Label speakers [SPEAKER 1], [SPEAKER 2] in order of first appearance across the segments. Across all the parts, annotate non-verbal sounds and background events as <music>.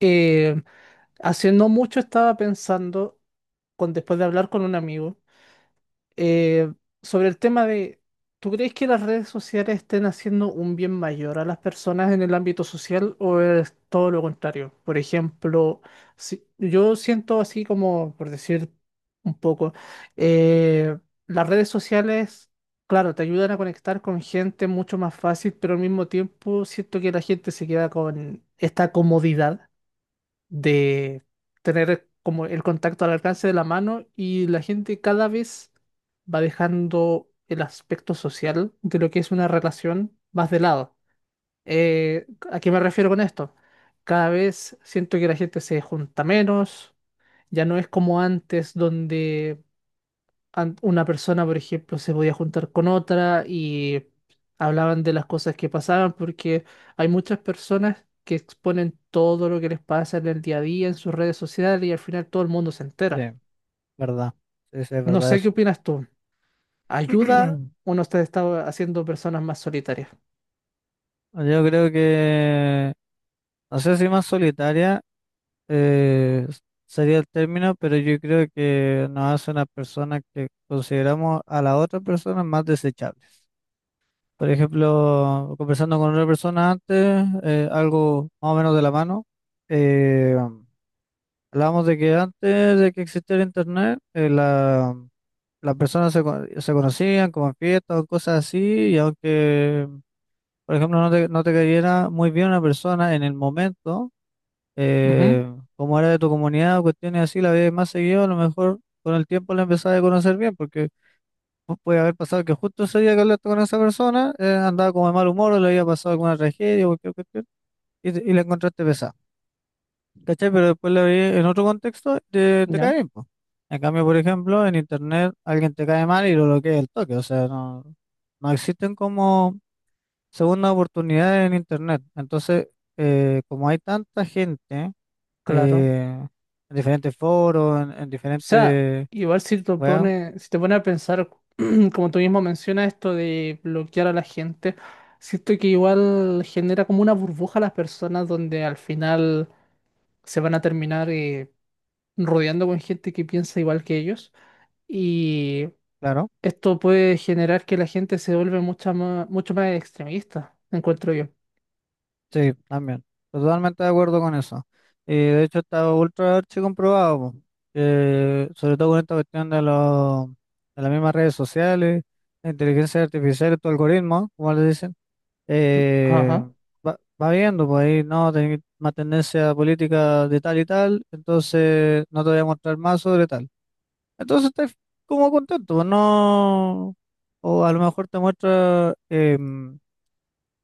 [SPEAKER 1] Eh, hace no mucho estaba pensando, después de hablar con un amigo, eh, sobre el tema: ¿tú crees que las redes sociales estén haciendo un bien mayor a las personas en el ámbito social o es todo lo contrario? Por ejemplo, si, yo siento así como, por decir un poco, eh, las redes sociales, claro, te ayudan a conectar con gente mucho más fácil, pero al mismo tiempo siento que la gente se queda con esta comodidad de tener como el contacto al alcance de la mano y la gente cada vez va dejando el aspecto social de lo que es una relación más de lado. ¿a qué me refiero con esto? Cada vez siento que la gente se junta menos, ya no es como antes donde una persona, por ejemplo, se podía juntar con otra y hablaban de las cosas que pasaban, porque hay muchas personas que exponen todo lo que les pasa en el día a día, en sus redes sociales, y al final todo el mundo se
[SPEAKER 2] Sí,
[SPEAKER 1] entera.
[SPEAKER 2] verdad. Sí, sí, es
[SPEAKER 1] No
[SPEAKER 2] verdad
[SPEAKER 1] sé qué
[SPEAKER 2] eso.
[SPEAKER 1] opinas tú. ¿Ayuda
[SPEAKER 2] <clears throat>
[SPEAKER 1] o no te está haciendo personas más solitarias?
[SPEAKER 2] Yo creo que, no sé si más solitaria eh, s- sería el término, pero yo creo que nos hace una persona que consideramos a la otra persona más desechables. Por ejemplo, conversando con otra persona antes, algo más o menos de la mano, eh, hablábamos de que antes de que existiera internet, las personas se conocían como en fiestas o cosas así, y aunque por ejemplo, no te cayera muy bien una persona en el momento,
[SPEAKER 1] Ujú,
[SPEAKER 2] eh, como era de tu comunidad o cuestiones así, la veías más seguido, a lo mejor con el tiempo la empezabas a conocer bien, porque puede haber pasado que justo ese día que hablaste con esa persona, andaba como de mal humor o le había pasado alguna tragedia o cualquier cuestión, y, y la encontraste pesada, ¿cachai? Pero después la vi en otro contexto, te
[SPEAKER 1] ya,
[SPEAKER 2] cae bien, po. En cambio, por ejemplo, en internet alguien te cae mal y lo bloquea el toque, o sea, no existen como segunda oportunidad en Internet. Entonces, como hay tanta gente
[SPEAKER 1] claro.
[SPEAKER 2] eh, en diferentes foros, en
[SPEAKER 1] Sea,
[SPEAKER 2] diferentes
[SPEAKER 1] igual si te
[SPEAKER 2] weas,
[SPEAKER 1] pone, si te pone a pensar, <clears throat> como tú mismo mencionas, esto de bloquear a la gente, siento que igual genera como una burbuja a las personas donde al final se van a terminar rodeando con gente que piensa igual que ellos. Y
[SPEAKER 2] claro,
[SPEAKER 1] esto puede generar que la gente se vuelve mucho más extremista, encuentro yo.
[SPEAKER 2] sí, también. Totalmente de acuerdo con eso. Y de hecho está ultra archi comprobado, po, que sobre todo con esta cuestión de, los de las mismas redes sociales, la inteligencia artificial y tu algoritmo, como le dicen eh,
[SPEAKER 1] Ajá,
[SPEAKER 2] va viendo, pues ahí no, tenés más tendencia política de tal y tal, entonces no te voy a mostrar más sobre tal. Entonces estás como contento, pues no, o a lo mejor te muestra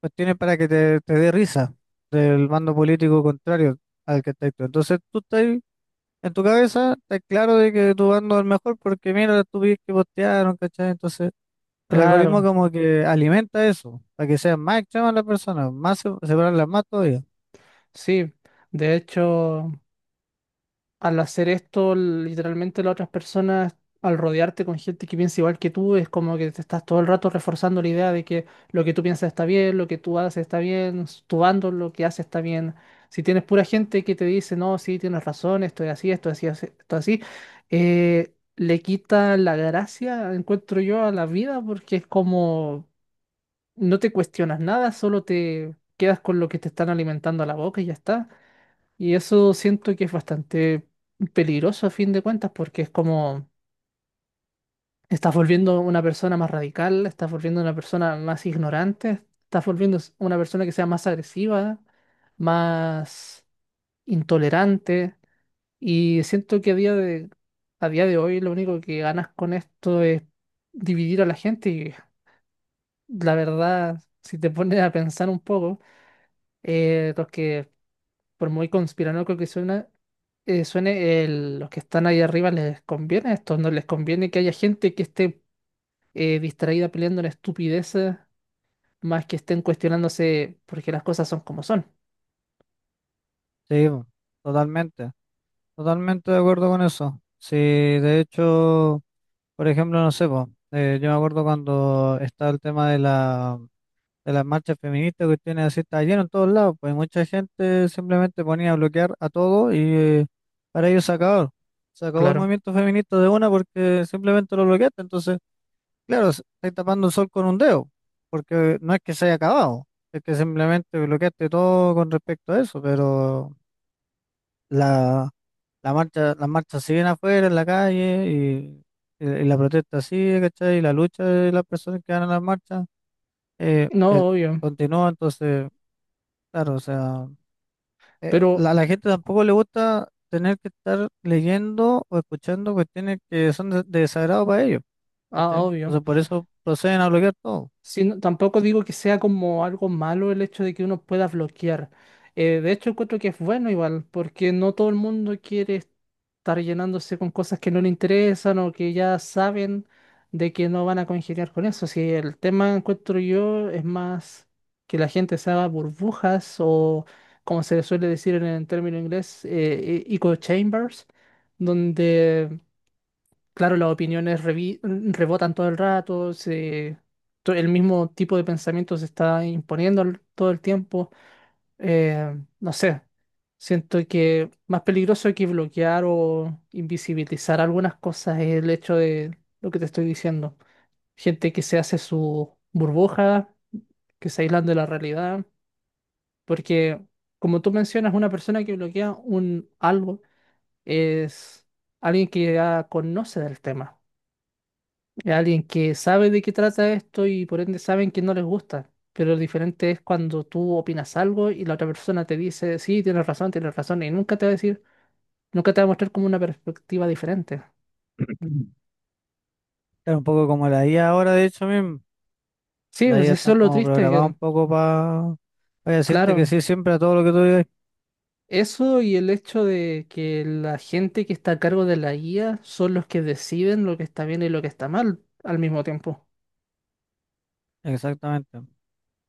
[SPEAKER 2] cuestiones para que te dé risa del bando político contrario al que estás tú. Entonces tú estás en tu cabeza, estás claro de que tu bando es el mejor porque mira las estupidez que postearon, ¿cachai? Entonces el algoritmo
[SPEAKER 1] claro,
[SPEAKER 2] como que alimenta eso, para que sean más extremas las personas, más separarlas más todavía.
[SPEAKER 1] sí. De hecho, al hacer esto, literalmente las otras personas, al rodearte con gente que piensa igual que tú, es como que te estás todo el rato reforzando la idea de que lo que tú piensas está bien, lo que tú haces está bien, tu bando lo que hace está bien. Si tienes pura gente que te dice, no, sí, tienes razón, esto es así, esto es así, esto es así, le quita la gracia, encuentro yo, a la vida porque es como no te cuestionas nada, solo te quedas con lo que te están alimentando a la boca y ya está. Y eso siento que es bastante peligroso a fin de cuentas, porque es como estás volviendo una persona más radical, estás volviendo una persona más ignorante, estás volviendo una persona que sea más agresiva, más intolerante. Y siento que a día de hoy lo único que ganas con esto es dividir a la gente. Y la verdad, si te pones a pensar un poco, los que por muy conspiranoico que suene, los que están ahí arriba les conviene esto, no les conviene que haya gente que esté distraída peleando en estupideces, más que estén cuestionándose porque las cosas son como son.
[SPEAKER 2] Sí, po, totalmente, totalmente de acuerdo con eso. Sí, de hecho, por ejemplo, no sé, po, yo me acuerdo cuando estaba el tema de la, de las marchas feministas, que tiene así, está lleno en todos lados, pues mucha gente simplemente ponía a bloquear a todo y para ellos se acabó. Se acabó el
[SPEAKER 1] Claro.
[SPEAKER 2] movimiento feminista de una porque simplemente lo bloqueaste, entonces... Claro, estáis tapando el sol con un dedo, porque no es que se haya acabado, es que simplemente bloqueaste todo con respecto a eso, pero la, la marcha, las marchas siguen afuera en la calle y, y la protesta sigue, ¿cachai? Y la lucha de las personas que van a las marchas eh, eh,
[SPEAKER 1] No, obvio.
[SPEAKER 2] continúa, entonces, claro, o sea,
[SPEAKER 1] Pero,
[SPEAKER 2] a la gente tampoco le gusta tener que estar leyendo o escuchando cuestiones que son de desagrado para ellos,
[SPEAKER 1] ah,
[SPEAKER 2] ¿cachai?
[SPEAKER 1] obvio.
[SPEAKER 2] Entonces por eso proceden a bloquear todo.
[SPEAKER 1] Sí, tampoco digo que sea como algo malo el hecho de que uno pueda bloquear. De hecho, encuentro que es bueno igual, porque no todo el mundo quiere estar llenándose con cosas que no le interesan o que ya saben de que no van a congeniar con eso. Si el tema, encuentro yo, es más que la gente se haga burbujas o, como se le suele decir en el término inglés, echo chambers, donde claro, las opiniones rebotan todo el rato, el mismo tipo de pensamiento se está imponiendo todo el tiempo. No sé, siento que más peligroso que bloquear o invisibilizar algunas cosas es el hecho de lo que te estoy diciendo. Gente que se hace su burbuja, que se aíslan de la realidad, porque como tú mencionas, una persona que bloquea un algo es alguien que ya conoce del tema. Es alguien que sabe de qué trata esto y por ende saben que no les gusta. Pero lo diferente es cuando tú opinas algo y la otra persona te dice, sí, tienes razón, y nunca te va a decir, nunca te va a mostrar como una perspectiva diferente.
[SPEAKER 2] <clears throat> Claro, un poco como la IA ahora, de hecho, mismo.
[SPEAKER 1] Sí,
[SPEAKER 2] La
[SPEAKER 1] pues
[SPEAKER 2] IA
[SPEAKER 1] eso
[SPEAKER 2] están
[SPEAKER 1] es lo
[SPEAKER 2] como
[SPEAKER 1] triste,
[SPEAKER 2] programada un poco para decirte que
[SPEAKER 1] claro,
[SPEAKER 2] sí siempre a todo lo que tú digas.
[SPEAKER 1] eso y el hecho de que la gente que está a cargo de la guía son los que deciden lo que está bien y lo que está mal al mismo tiempo.
[SPEAKER 2] Exactamente.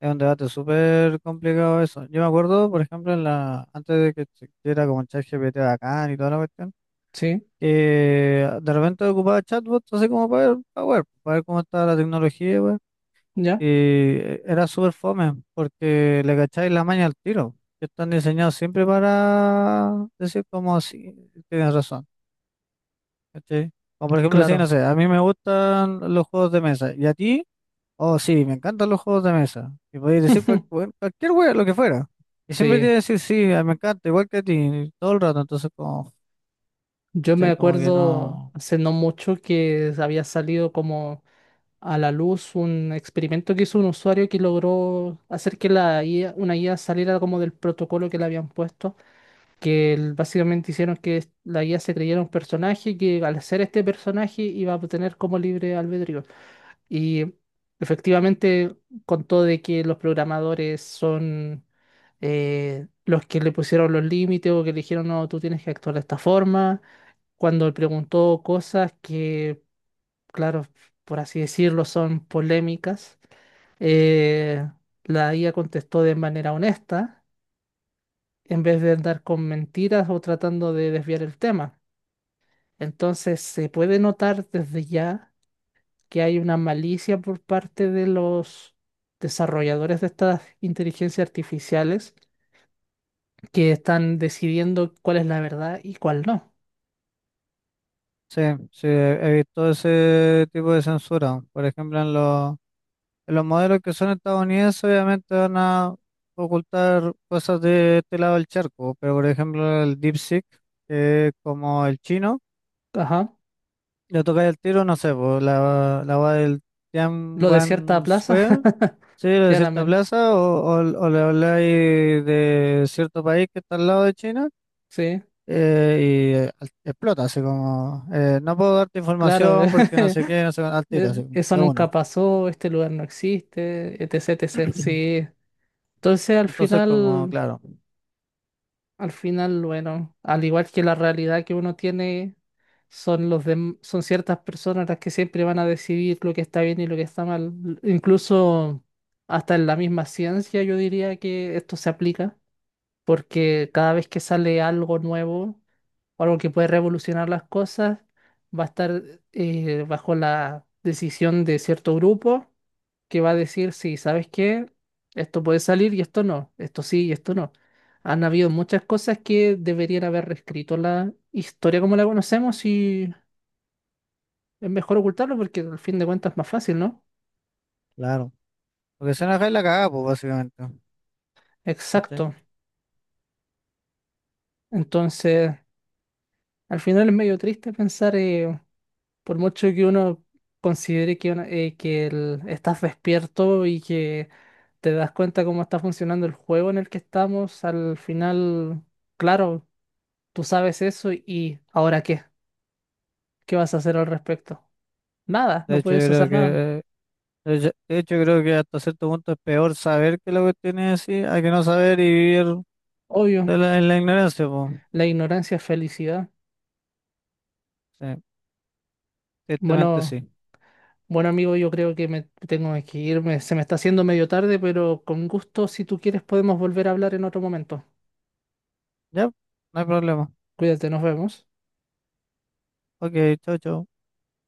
[SPEAKER 2] Es un debate súper complicado eso. Yo me acuerdo, por ejemplo, en la, antes de que existiera como el ChatGPT bacán y toda la cuestión,
[SPEAKER 1] Sí,
[SPEAKER 2] que de repente ocupaba chatbots así como para ver, para ver, para ver cómo estaba la tecnología, weón. Y
[SPEAKER 1] ya,
[SPEAKER 2] era súper fome, porque le cacháis la maña al tiro. Que están diseñados siempre para decir como sí, tienes razón. ¿Cachai? O por ejemplo, sí,
[SPEAKER 1] claro,
[SPEAKER 2] no sé, a mí me gustan los juegos de mesa. ¿Y a ti? Oh, sí, me encantan los juegos de mesa. Y podéis decir cualquier hueá, lo que fuera. Y siempre te
[SPEAKER 1] sí.
[SPEAKER 2] voy a decir, sí, ah, me encanta, igual que a ti, todo el rato. Entonces, como,
[SPEAKER 1] Yo me
[SPEAKER 2] ¿cachai? Como que
[SPEAKER 1] acuerdo
[SPEAKER 2] no.
[SPEAKER 1] hace no mucho que había salido como a la luz un experimento que hizo un usuario que logró hacer que la IA, una IA saliera como del protocolo que le habían puesto, que básicamente hicieron que la IA se creyera un personaje y que al ser este personaje iba a tener como libre albedrío. Y efectivamente contó de que los programadores son los que le pusieron los límites o que le dijeron, no, tú tienes que actuar de esta forma. Cuando él preguntó cosas que claro, por así decirlo, son polémicas. Eh, la IA contestó de manera honesta, en vez de andar con mentiras o tratando de desviar el tema. Entonces, se puede notar desde ya que hay una malicia por parte de los desarrolladores de estas inteligencias artificiales que están decidiendo cuál es la verdad y cuál no.
[SPEAKER 2] Sí, sí, he visto ese tipo de censura. Por ejemplo, en los modelos que son estadounidenses, obviamente van a ocultar cosas de este lado del charco. Pero, por ejemplo, el DeepSeek, que es como el chino.
[SPEAKER 1] Ajá.
[SPEAKER 2] Lo tocáis el tiro, no sé, por la va del
[SPEAKER 1] Lo de cierta
[SPEAKER 2] Tianwan
[SPEAKER 1] plaza,
[SPEAKER 2] Square,
[SPEAKER 1] <laughs>
[SPEAKER 2] sí, de cierta
[SPEAKER 1] Tiananmen,
[SPEAKER 2] plaza, o le habláis de cierto país que está al lado de China,
[SPEAKER 1] sí,
[SPEAKER 2] eh, y explota, así como, no puedo darte
[SPEAKER 1] claro.
[SPEAKER 2] información porque no sé qué, no sé, cuánto", al
[SPEAKER 1] <laughs>
[SPEAKER 2] tiro, así,
[SPEAKER 1] Eso
[SPEAKER 2] de
[SPEAKER 1] nunca
[SPEAKER 2] una.
[SPEAKER 1] pasó, este lugar no existe, etc, etc.
[SPEAKER 2] <clears throat>
[SPEAKER 1] Sí. Entonces
[SPEAKER 2] Entonces, como, claro,
[SPEAKER 1] al final, bueno, al igual que la realidad que uno tiene, son son ciertas personas las que siempre van a decidir lo que está bien y lo que está mal. Incluso hasta en la misma ciencia yo diría que esto se aplica, porque cada vez que sale algo nuevo o algo que puede revolucionar las cosas, va a estar bajo la decisión de cierto grupo que va a decir, sí, ¿sabes qué? Esto puede salir y esto no, esto sí y esto no. Han habido muchas cosas que deberían haber reescrito la historia como la conocemos y es mejor ocultarlo porque al fin de cuentas es más fácil, ¿no?
[SPEAKER 2] claro. Porque se enoja y la cagada, pues, básicamente. ¿Cachai?
[SPEAKER 1] Exacto. Entonces, al final es medio triste pensar. Por mucho que uno considere que estás despierto y que te das cuenta cómo está funcionando el juego en el que estamos, al final, claro, tú sabes eso y ¿ahora qué? ¿Qué vas a hacer al respecto? Nada,
[SPEAKER 2] De
[SPEAKER 1] no
[SPEAKER 2] hecho, yo
[SPEAKER 1] puedes
[SPEAKER 2] creo
[SPEAKER 1] hacer nada.
[SPEAKER 2] que, eh, creo que hasta cierto punto es peor saber que lo que tiene así, hay que no saber y vivir.
[SPEAKER 1] Obvio,
[SPEAKER 2] En la ignorancia, pues.
[SPEAKER 1] la ignorancia es felicidad.
[SPEAKER 2] Sí, directamente
[SPEAKER 1] Bueno,
[SPEAKER 2] sí.
[SPEAKER 1] bueno amigo, yo creo que me tengo que irme. Se me está haciendo medio tarde, pero con gusto, si tú quieres, podemos volver a hablar en otro momento.
[SPEAKER 2] Ya, no hay problema.
[SPEAKER 1] Cuídate, nos vemos.
[SPEAKER 2] Ok, chau, chau.